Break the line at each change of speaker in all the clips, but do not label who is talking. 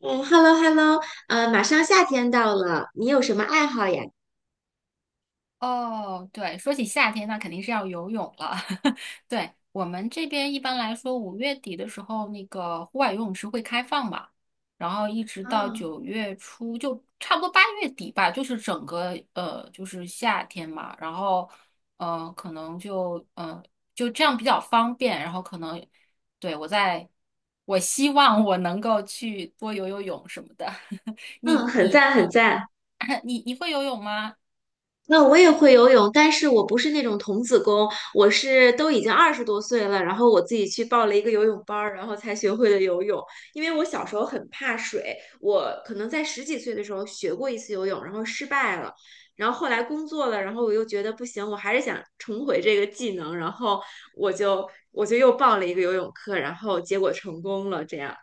嗯，hello hello，马上夏天到了，你有什么爱好呀？
哦，对，说起夏天，那肯定是要游泳了。对，我们这边一般来说，五月底的时候，那个户外游泳池会开放嘛，然后一直到
啊，
九月初，就差不多八月底吧，就是整个就是夏天嘛。然后，呃，可能就呃，就这样比较方便。然后可能，对，我在，我希望我能够去多游游泳什么的。
嗯，
你
很
你
赞很
你
赞。
你会游泳吗？
那我也会游泳，但是我不是那种童子功，我是都已经20多岁了，然后我自己去报了一个游泳班儿，然后才学会了游泳。因为我小时候很怕水，我可能在十几岁的时候学过一次游泳，然后失败了，然后后来工作了，然后我又觉得不行，我还是想重回这个技能，然后我就我就又报了一个游泳课，然后结果成功了，这样。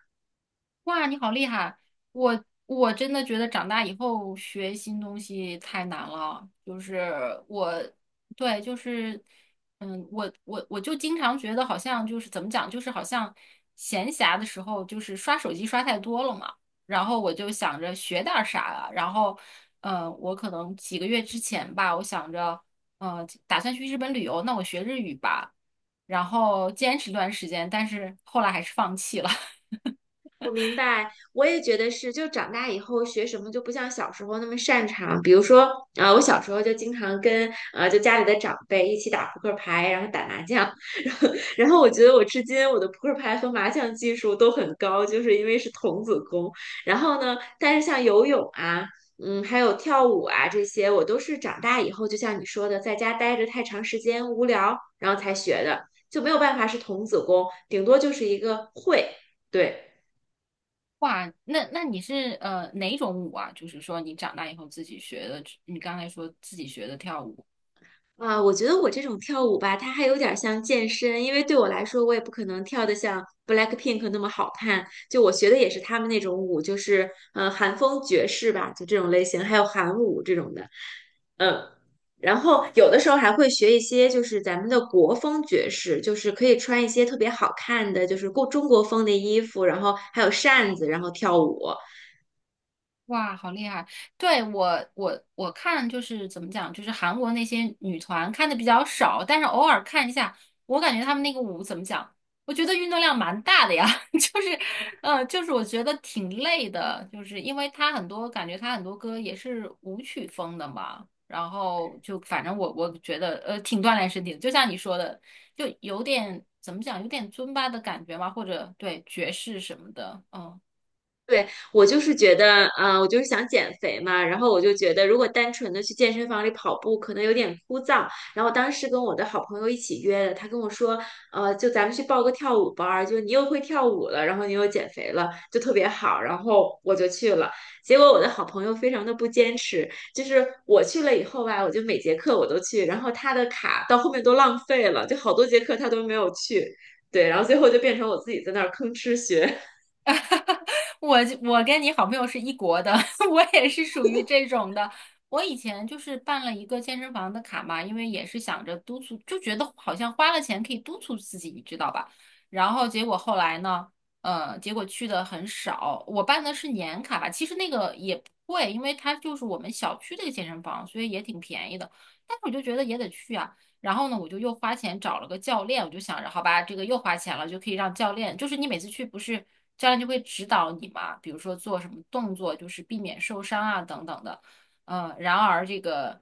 哇，你好厉害！我真的觉得长大以后学新东西太难了。就是我，对，就是，我就经常觉得好像就是怎么讲，就是好像闲暇的时候就是刷手机刷太多了嘛。然后我就想着学点儿啥啊。然后，嗯，我可能几个月之前吧，我想着，打算去日本旅游，那我学日语吧。然后坚持一段时间，但是后来还是放弃了。
我明白，我也觉得是，就长大以后学什么就不像小时候那么擅长。比如说，啊、我小时候就经常跟就家里的长辈一起打扑克牌，然后打麻将，然后然后我觉得我至今我的扑克牌和麻将技术都很高，就是因为是童子功。然后呢，但是像游泳啊。还有跳舞啊，这些我都是长大以后，就像你说的，在家待着太长时间无聊，然后才学的，就没有办法是童子功，顶多就是一个会，对。
哇，那你是哪种舞啊？就是说你长大以后自己学的，你刚才说自己学的跳舞。
啊，我觉得我这种跳舞吧，它还有点儿像健身，因为对我来说，我也不可能跳得像 BLACKPINK 那么好看。就我学的也是他们那种舞，就是韩风爵士吧，就这种类型，还有韩舞这种的。嗯，然后有的时候还会学一些，就是咱们的国风爵士，就是可以穿一些特别好看的，就是过中国风的衣服，然后还有扇子，然后跳舞。
哇，好厉害！对，我，我看就是怎么讲，就是韩国那些女团看的比较少，但是偶尔看一下，我感觉她们那个舞怎么讲，我觉得运动量蛮大的呀，就是，就是我觉得挺累的，就是因为她很多感觉她很多歌也是舞曲风的嘛，然后就反正我觉得挺锻炼身体的，就像你说的，就有点怎么讲，有点尊巴的感觉嘛，或者对爵士什么的，嗯。
对，我就是觉得，呃，我就是想减肥嘛，然后我就觉得，如果单纯的去健身房里跑步，可能有点枯燥。然后当时跟我的好朋友一起约的，他跟我说，就咱们去报个跳舞班儿，就你又会跳舞了，然后你又减肥了，就特别好。然后我就去了，结果我的好朋友非常的不坚持，就是我去了以后吧，我就每节课我都去，然后他的卡到后面都浪费了，就好多节课他都没有去。对，然后最后就变成我自己在那儿吭哧学。
我我跟你好朋友是一国的，我也是属于这种的。我以前就是办了一个健身房的卡嘛，因为也是想着督促，就觉得好像花了钱可以督促自己，你知道吧？然后结果后来呢，结果去的很少。我办的是年卡吧，其实那个也不贵，因为它就是我们小区的一个健身房，所以也挺便宜的。但是我就觉得也得去啊。然后呢，我就又花钱找了个教练，我就想着，好吧，这个又花钱了，就可以让教练，就是你每次去不是教练就会指导你嘛，比如说做什么动作，就是避免受伤啊等等的。嗯，然而这个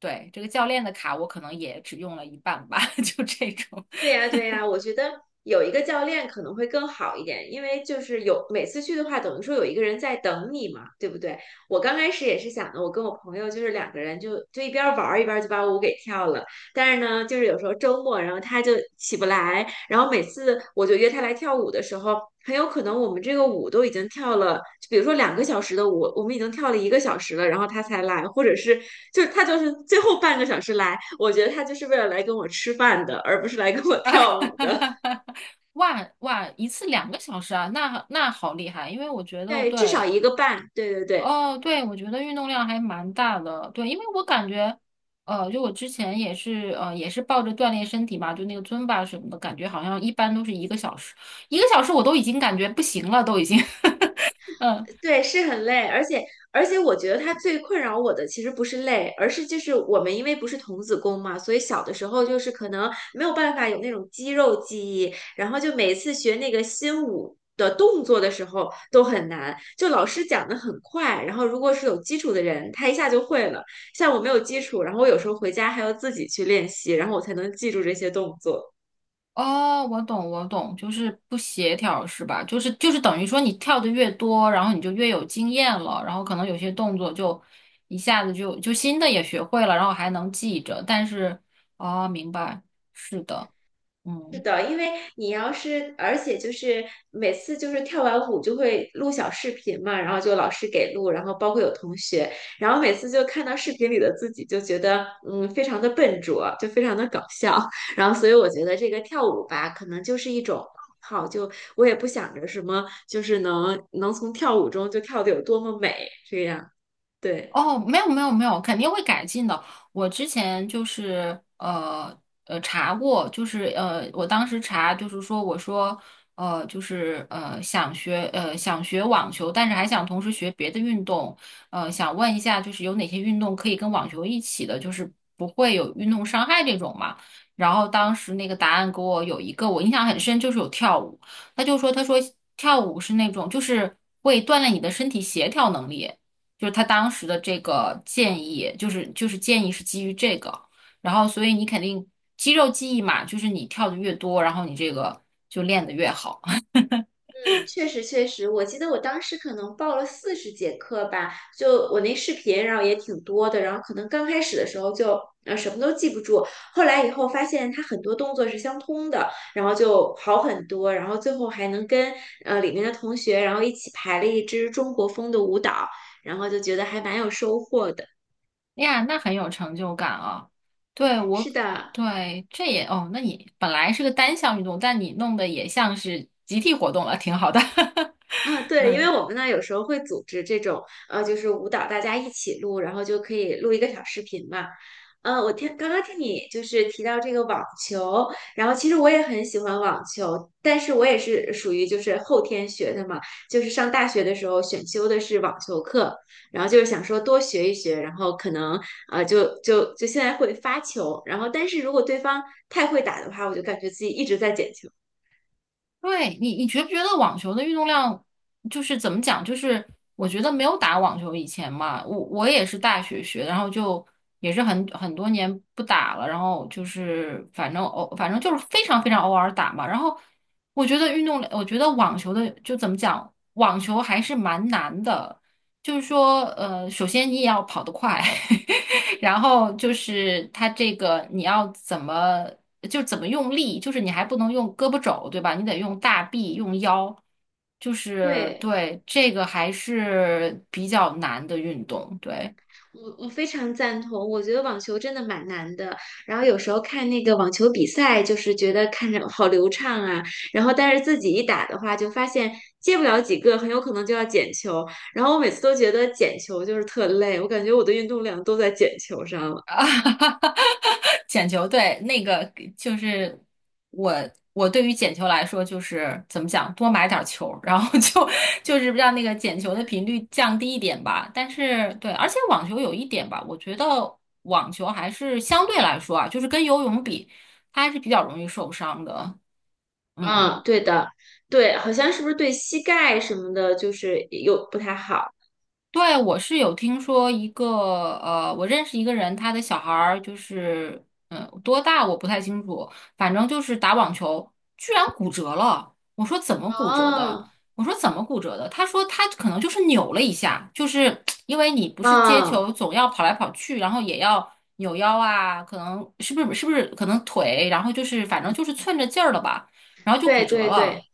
对这个教练的卡，我可能也只用了一半吧，就这种
对呀，对呀，我觉得有一个教练可能会更好一点，因为就是有每次去的话，等于说有一个人在等你嘛，对不对？我刚开始也是想的，我跟我朋友就是两个人就一边玩儿一边就把舞给跳了，但是呢，就是有时候周末，然后他就起不来，然后每次我就约他来跳舞的时候，很有可能我们这个舞都已经跳了，就比如说2个小时的舞，我们已经跳了1个小时了，然后他才来，或者是就是他就是最后半个小时来，我觉得他就是为了来跟我吃饭的，而不是来跟我
啊，
跳舞的。
哇哇，一次两个小时啊，那好厉害，因为我觉得
对，至少一
对
个半，对对对。
哦，对，我觉得运动量还蛮大的，对，因为我感觉，就我之前也是，也是抱着锻炼身体嘛，就那个尊巴什么的，感觉好像一般都是一个小时，一个小时我都已经感觉不行了，都已经，嗯，
对，是很累，而且我觉得它最困扰我的其实不是累，而是就是我们因为不是童子功嘛，所以小的时候就是可能没有办法有那种肌肉记忆，然后就每次学那个新舞的动作的时候都很难，就老师讲的很快，然后如果是有基础的人，他一下就会了，像我没有基础，然后我有时候回家还要自己去练习，然后我才能记住这些动作。
哦，我懂，我懂，就是不协调是吧？就是等于说你跳的越多，然后你就越有经验了，然后可能有些动作就一下子就新的也学会了，然后还能记着，但是，哦，明白，是的，
是
嗯。
的，因为你要是，而且就是每次就是跳完舞就会录小视频嘛，然后就老师给录，然后包括有同学，然后每次就看到视频里的自己，就觉得非常的笨拙，就非常的搞笑。然后所以我觉得这个跳舞吧，可能就是一种爱好，就我也不想着什么，就是能能从跳舞中就跳得有多么美，这样，对。
哦，没有没有没有，肯定会改进的。我之前就是查过，就是我当时查就是说我说想学网球，但是还想同时学别的运动，想问一下就是有哪些运动可以跟网球一起的，就是不会有运动伤害这种嘛。然后当时那个答案给我有一个我印象很深，就是有跳舞。他就说跳舞是那种就是会锻炼你的身体协调能力。就是他当时的这个建议，就是建议是基于这个，然后所以你肯定肌肉记忆嘛，就是你跳的越多，然后你这个就练得越好。
嗯，确实确实，我记得我当时可能报了40节课吧，就我那视频，然后也挺多的，然后可能刚开始的时候就什么都记不住，后来以后发现它很多动作是相通的，然后就好很多，然后最后还能跟里面的同学，然后一起排了一支中国风的舞蹈，然后就觉得还蛮有收获的。
哎呀，那很有成就感啊！对我，
是的。
对这也哦，那你本来是个单项运动，但你弄得也像是集体活动了，挺好的。
啊，对，因为
嗯。
我们呢有时候会组织这种，就是舞蹈大家一起录，然后就可以录一个小视频嘛。刚刚听你就是提到这个网球，然后其实我也很喜欢网球，但是我也是属于就是后天学的嘛，就是上大学的时候选修的是网球课，然后就是想说多学一学，然后可能就现在会发球，然后但是如果对方太会打的话，我就感觉自己一直在捡球。
对你，你觉不觉得网球的运动量就是怎么讲？就是我觉得没有打网球以前嘛，我也是大学学，然后就也是很多年不打了，然后就是反正就是非常非常偶尔打嘛。然后我觉得运动，我觉得网球的就怎么讲，网球还是蛮难的，就是说首先你也要跑得快，然后就是它这个你要怎么用力，就是你还不能用胳膊肘，对吧？你得用大臂，用腰，就是
对。
对这个还是比较难的运动，对。
我非常赞同，我觉得网球真的蛮难的。然后有时候看那个网球比赛，就是觉得看着好流畅啊，然后但是自己一打的话，就发现接不了几个，很有可能就要捡球。然后我每次都觉得捡球就是特累，我感觉我的运动量都在捡球上了。
啊，捡球，对，那个就是我，我对于捡球来说，就是怎么讲，多买点儿球，然后就 就是让那个捡球的频率降低一点吧。但是对，而且网球有一点吧，我觉得网球还是相对来说啊，就是跟游泳比，它还是比较容易受伤的。嗯。
嗯，对的，对，好像是不是对膝盖什么的，就是有不太好。
对，我是有听说一个，我认识一个人，他的小孩儿就是，嗯，多大我不太清楚，反正就是打网球，居然骨折了。我说怎么骨折的？
哦，
我说怎么骨折的？他说他可能就是扭了一下，就是因为你不是接
嗯。
球总要跑来跑去，然后也要扭腰啊，可能是不是可能腿，然后就是反正就是寸着劲儿了吧，然后就
对
骨折
对对，
了。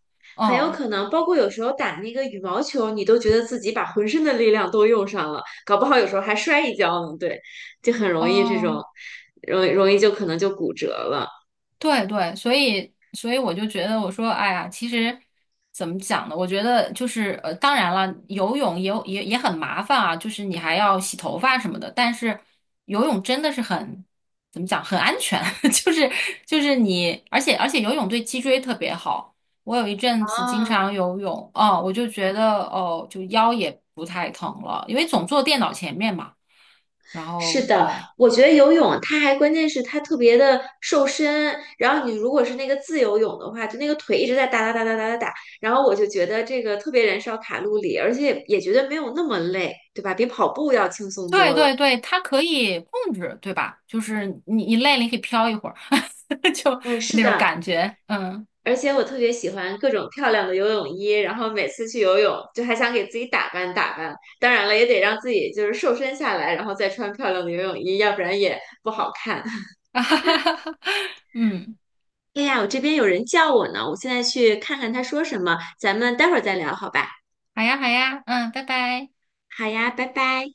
很有
嗯，
可能，包括有时候打那个羽毛球，你都觉得自己把浑身的力量都用上了，搞不好有时候还摔一跤呢。对，就很容易这
哦。
种，容易就可能就骨折了。
对对，所以所以我就觉得，我说，哎呀，其实怎么讲呢？我觉得就是当然了，游泳也有也也很麻烦啊，就是你还要洗头发什么的。但是游泳真的是很怎么讲，很安全，就是就是你，而且而且游泳对脊椎特别好。我有一阵子经
啊，
常游泳，哦，我就觉得哦，就腰也不太疼了，因为总坐电脑前面嘛。然
是
后
的，
对。
我觉得游泳它还关键是它特别的瘦身，然后你如果是那个自由泳的话，就那个腿一直在哒哒哒哒哒哒打，然后我就觉得这个特别燃烧卡路里，而且也觉得没有那么累，对吧？比跑步要轻松
对
多
对
了。
对，它可以控制，对吧？就是你你累了，你可以飘一会儿，就
嗯，是
那种
的。
感觉，嗯，
而且我特别喜欢各种漂亮的游泳衣，然后每次去游泳就还想给自己打扮打扮。当然了，也得让自己就是瘦身下来，然后再穿漂亮的游泳衣，要不然也不好看。
啊哈哈哈哈，嗯，
哎呀，我这边有人叫我呢，我现在去看看他说什么，咱们待会儿再聊，好吧？
好呀好呀，嗯，拜拜。
好呀，拜拜。